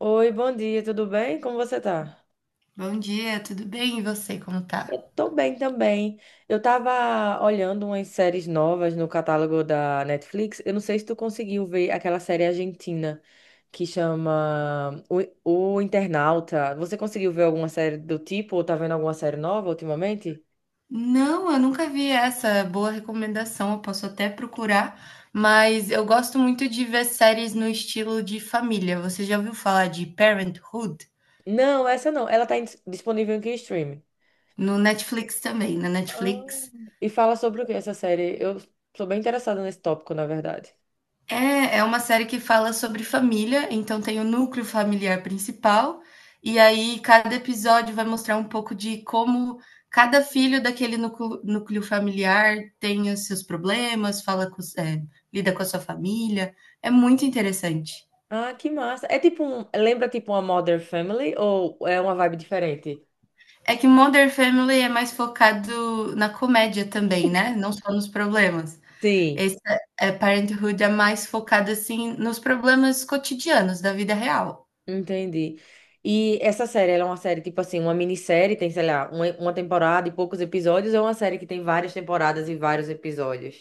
Oi, bom dia, tudo bem? Como você tá? Bom dia, tudo bem? E você, como tá? Eu tô bem também. Eu tava olhando umas séries novas no catálogo da Netflix. Eu não sei se tu conseguiu ver aquela série argentina que chama O Internauta. Você conseguiu ver alguma série do tipo ou tá vendo alguma série nova ultimamente? Não, eu nunca vi essa boa recomendação. Eu posso até procurar, mas eu gosto muito de ver séries no estilo de família. Você já ouviu falar de Parenthood? Não, essa não. Ela tá disponível em que streaming? No Netflix também, na Ah. Netflix. E fala sobre o que essa série? Eu sou bem interessada nesse tópico, na verdade. É uma série que fala sobre família, então tem o núcleo familiar principal, e aí cada episódio vai mostrar um pouco de como cada filho daquele núcleo familiar tem os seus problemas, fala com, os- é, lida com a sua família. É muito interessante. Ah, que massa. É tipo um. Lembra tipo uma Modern Family ou é uma vibe diferente? É que Modern Family é mais focado na comédia também, né? Não só nos problemas. Sim, Esse Parenthood é mais focado assim nos problemas cotidianos da vida real. entendi. E essa série, ela é uma série tipo assim, uma minissérie, tem, sei lá, uma temporada e poucos episódios, ou é uma série que tem várias temporadas e vários episódios?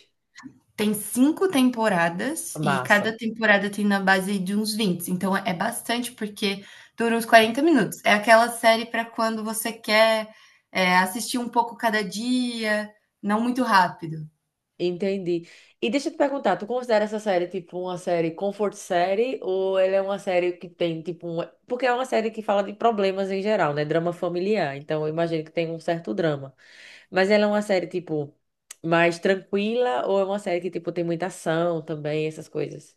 Tem 5 temporadas e Massa. cada temporada tem na base de uns 20, então é bastante, porque dura uns 40 minutos. É aquela série para quando você quer, assistir um pouco cada dia, não muito rápido. Entendi. E deixa eu te perguntar, tu considera essa série tipo uma série comfort série ou ela é uma série que tem tipo um. Porque é uma série que fala de problemas em geral, né? Drama familiar, então eu imagino que tem um certo drama. Mas ela é uma série tipo mais tranquila ou é uma série que tipo tem muita ação também, essas coisas?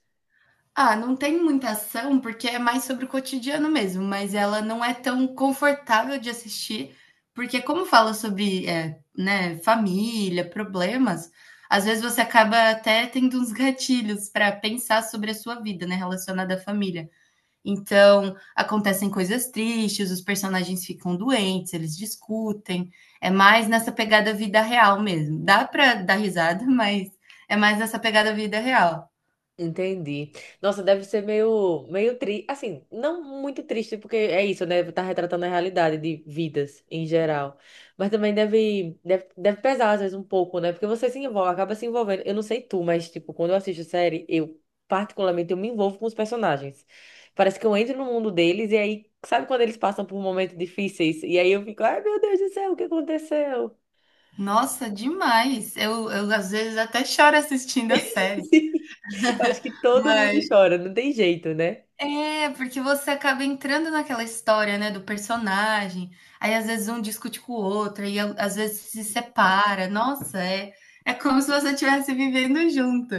Ah, não tem muita ação, porque é mais sobre o cotidiano mesmo, mas ela não é tão confortável de assistir, porque como fala sobre, né, família, problemas, às vezes você acaba até tendo uns gatilhos para pensar sobre a sua vida, né, relacionada à família. Então, acontecem coisas tristes, os personagens ficam doentes, eles discutem. É mais nessa pegada vida real mesmo. Dá para dar risada, mas é mais nessa pegada vida real. Entendi. Nossa, deve ser meio, meio triste. Assim, não muito triste, porque é isso, né? Tá retratando a realidade de vidas em geral. Mas também deve pesar, às vezes, um pouco, né? Porque você se envolve, acaba se envolvendo. Eu não sei tu, mas, tipo, quando eu assisto série, eu, particularmente, eu me envolvo com os personagens. Parece que eu entro no mundo deles e aí, sabe quando eles passam por momentos difíceis? E aí eu fico, ai, meu Deus do céu, o que aconteceu? Nossa, demais. Eu às vezes até choro assistindo a série, Eu acho que todo mas mundo chora, não tem jeito, né? Porque você acaba entrando naquela história, né, do personagem, aí às vezes um discute com o outro, aí a às vezes se separa. Nossa, é como se você estivesse vivendo junto.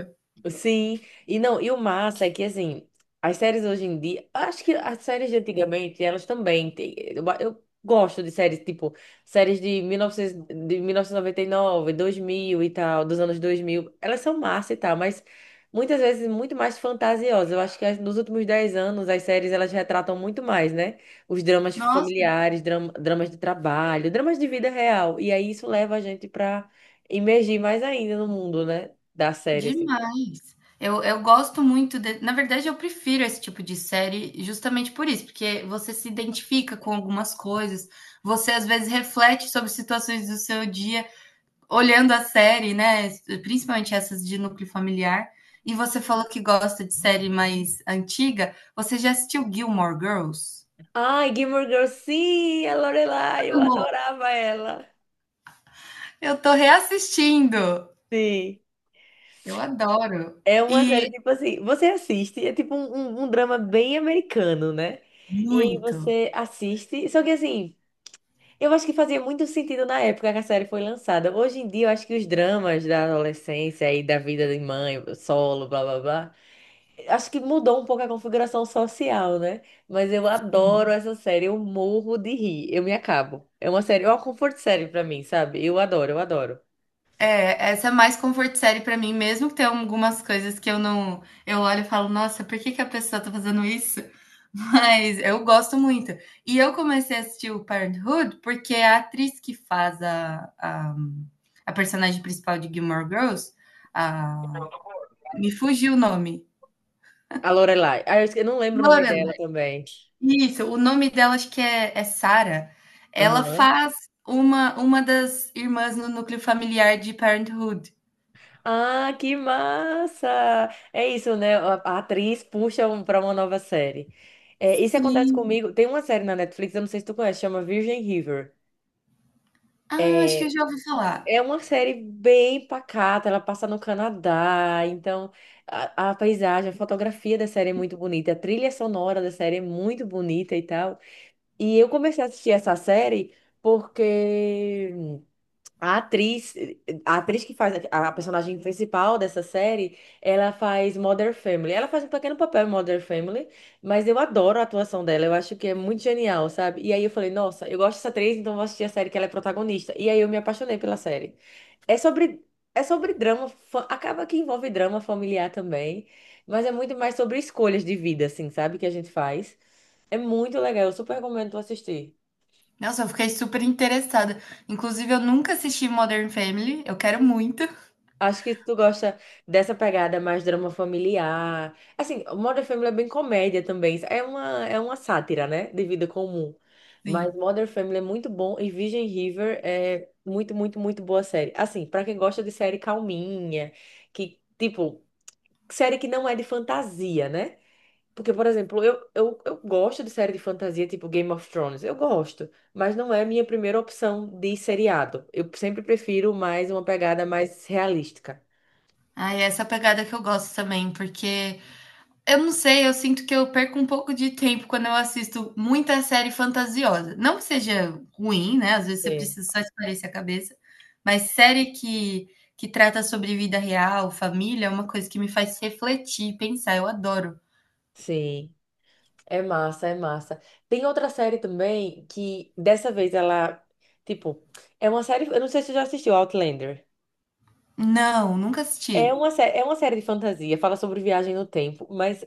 Sim, e não, e o massa é que assim, as séries hoje em dia, acho que as séries de antigamente, elas também têm. Eu gosto de séries tipo séries de 1900 de mil novecentos e noventa e nove 2000 e tal, dos anos 2000. Elas são massa e tal, mas muitas vezes muito mais fantasiosas. Eu acho que nos últimos 10 anos as séries elas retratam muito mais, né? Os dramas Nossa, familiares, dramas de trabalho, dramas de vida real. E aí isso leva a gente pra imergir mais ainda no mundo, né? Da série, assim. demais. Eu gosto muito de na verdade eu prefiro esse tipo de série justamente por isso, porque você se identifica com algumas coisas, você às vezes reflete sobre situações do seu dia, olhando a série, né? Principalmente essas de núcleo familiar. E você falou que gosta de série mais antiga. Você já assistiu Gilmore Girls? Ai, Gilmore Girls, sim, a Lorelai, eu Amo. adorava ela. Eu tô reassistindo. Sim. Eu adoro. É uma série, E tipo assim, você assiste, é tipo um drama bem americano, né? E aí muito. você assiste, só que assim, eu acho que fazia muito sentido na época que a série foi lançada. Hoje em dia, eu acho que os dramas da adolescência e da vida de mãe, solo, blá blá blá. Acho que mudou um pouco a configuração social, né? Mas eu adoro essa série, eu morro de rir, eu me acabo. É uma série, é uma comfort série pra mim, sabe? Eu adoro, eu adoro. É, essa é mais comfort série pra mim, mesmo que tenha algumas coisas que eu não. Eu olho e falo, nossa, por que que a pessoa tá fazendo isso? Mas eu gosto muito. E eu comecei a assistir o Parenthood porque a atriz que faz a personagem principal de Gilmore Girls, a- me fugiu o nome. A Lorelai. Ah, eu não lembro o nome dela Lorelai. também. Isso, o nome dela acho que é Sarah. Ela Aham. faz uma das irmãs no núcleo familiar de Parenthood. Ah, que massa! É isso, né? A atriz puxa pra uma nova série. É, isso acontece Sim. comigo. Tem uma série na Netflix, eu não sei se tu conhece, chama Virgin River. Ah, acho que eu É, já ouvi falar. É uma série bem pacata, ela passa no Canadá, então a paisagem, a fotografia da série é muito bonita, a trilha sonora da série é muito bonita e tal. E eu comecei a assistir essa série porque a atriz, a atriz que faz a personagem principal dessa série, ela faz Modern Family. Ela faz um pequeno papel em Modern Family, mas eu adoro a atuação dela, eu acho que é muito genial, sabe? E aí eu falei, nossa, eu gosto dessa atriz, então eu vou assistir a série que ela é protagonista. E aí eu me apaixonei pela série. É sobre, é sobre drama, acaba que envolve drama familiar também, mas é muito mais sobre escolhas de vida, assim, sabe? Que a gente faz. É muito legal, eu super recomendo tu assistir. Nossa, eu fiquei super interessada. Inclusive, eu nunca assisti Modern Family, eu quero muito. Acho que tu gosta dessa pegada mais drama familiar. Assim, Modern Family é bem comédia também. É uma sátira, né? De vida comum. Mas Sim. Modern Family é muito bom e Virgin River é muito, muito, muito boa série. Assim, pra quem gosta de série calminha, que, tipo, série que não é de fantasia, né? Porque, por exemplo, eu gosto de série de fantasia tipo Game of Thrones, eu gosto, mas não é minha primeira opção de seriado. Eu sempre prefiro mais uma pegada mais realística. Ah, é essa pegada que eu gosto também, porque eu não sei, eu sinto que eu perco um pouco de tempo quando eu assisto muita série fantasiosa. Não que seja ruim, né? Às vezes você Sim. precisa só espairecer a cabeça, mas série que trata sobre vida real, família, é uma coisa que me faz refletir, pensar. Eu adoro. Sim, é massa, é massa. Tem outra série também que dessa vez ela, tipo, é uma série, eu não sei se você já assistiu Outlander. Não, nunca É assisti. uma, sé- é uma série de fantasia, fala sobre viagem no tempo, mas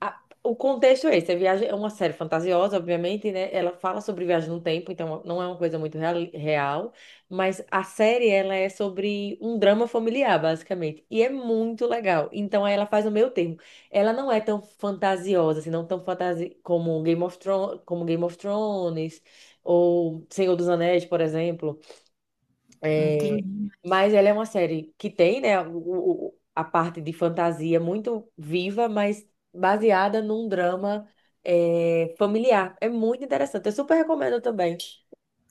a- o contexto é esse, a viagem é uma série fantasiosa, obviamente, né? Ela fala sobre viagem no tempo, então não é uma coisa muito real, real, mas a série ela é sobre um drama familiar, basicamente, e é muito legal. Então aí ela faz o meio termo. Ela não é tão fantasiosa, assim, não tão fantasi como Game of Thrones ou Senhor dos Anéis, por exemplo. É, Entendi. mas ela é uma série que tem, né, a parte de fantasia muito viva, mas baseada num drama, é, familiar. É muito interessante. Eu super recomendo também.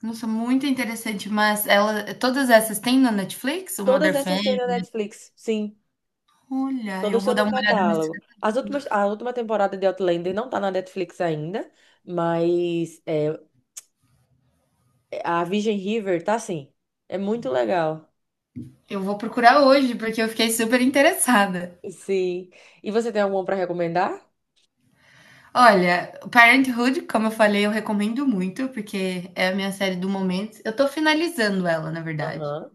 Nossa, muito interessante, mas ela todas essas tem na Netflix? O Todas Mother essas têm na Family? Netflix, sim. Olha, eu Todas estão vou dar no uma olhada nesse. catálogo. As últimas, a última temporada de Outlander não tá na Netflix ainda, mas é, a Virgin River tá sim. É muito legal. Eu vou procurar hoje, porque eu fiquei super interessada. Sim. E você tem alguma para recomendar? Olha, Parenthood, como eu falei, eu recomendo muito, porque é a minha série do momento. Eu tô finalizando ela, na verdade. Aham.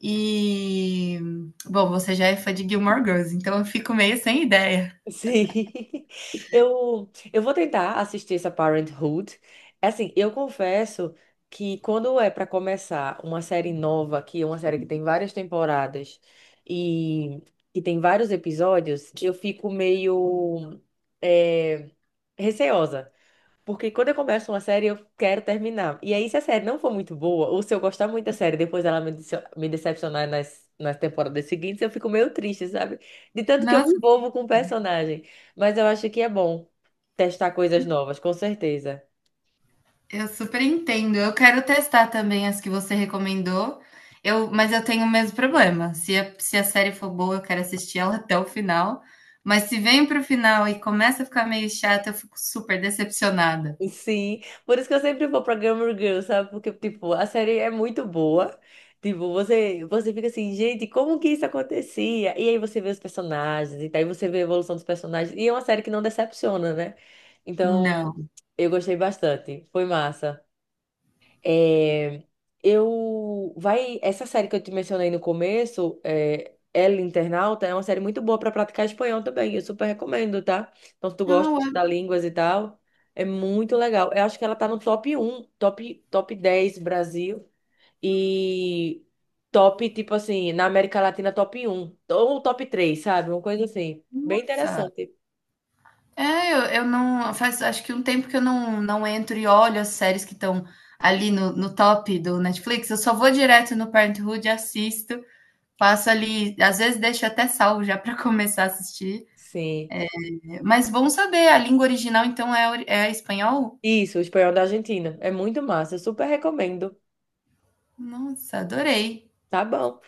E, bom, você já é fã de Gilmore Girls, então eu fico meio sem ideia. Sim. Eu vou tentar assistir essa Parenthood. É. Assim, eu confesso que quando é para começar uma série nova, que é uma série que tem várias temporadas e que tem vários episódios, eu fico meio eh, receosa. Porque quando eu começo uma série, eu quero terminar. E aí, se a série não for muito boa, ou se eu gostar muito da série, depois ela me decepcionar nas temporadas seguintes, eu fico meio triste, sabe? De tanto que eu me Nossa, envolvo com o personagem. Mas eu acho que é bom testar coisas novas, com certeza. eu super entendo. Eu quero testar também as que você recomendou. Mas eu tenho o mesmo problema. Se a série for boa, eu quero assistir ela até o final. Mas se vem para o final e começa a ficar meio chata, eu fico super decepcionada. Sim, por isso que eu sempre vou pra Gilmore Girls, sabe? Porque, tipo, a série é muito boa. Tipo, você fica assim, gente, como que isso acontecia? E aí você vê os personagens, e daí você vê a evolução dos personagens. E é uma série que não decepciona, né? Então, Não. eu gostei bastante. Foi massa. É, eu vai essa série que eu te mencionei no começo, é, El Internauta, é uma série muito boa para praticar espanhol também. Eu super recomendo, tá? Então, se tu gosta Não, de estudar línguas e tal, é muito legal. Eu acho que ela tá no top 10 Brasil e top, tipo assim, na América Latina, top 1 ou top 3, sabe? Uma coisa assim, bem nossa. interessante. É, eu não. Faz acho que um tempo que eu não entro e olho as séries que estão ali no top do Netflix. Eu só vou direto no Parenthood, assisto, passo ali. Às vezes deixo até salvo já para começar a assistir. Sim. Mas bom saber, a língua original então é espanhol? Isso, o espanhol da Argentina. É muito massa, eu super recomendo. Nossa, adorei. Tá bom.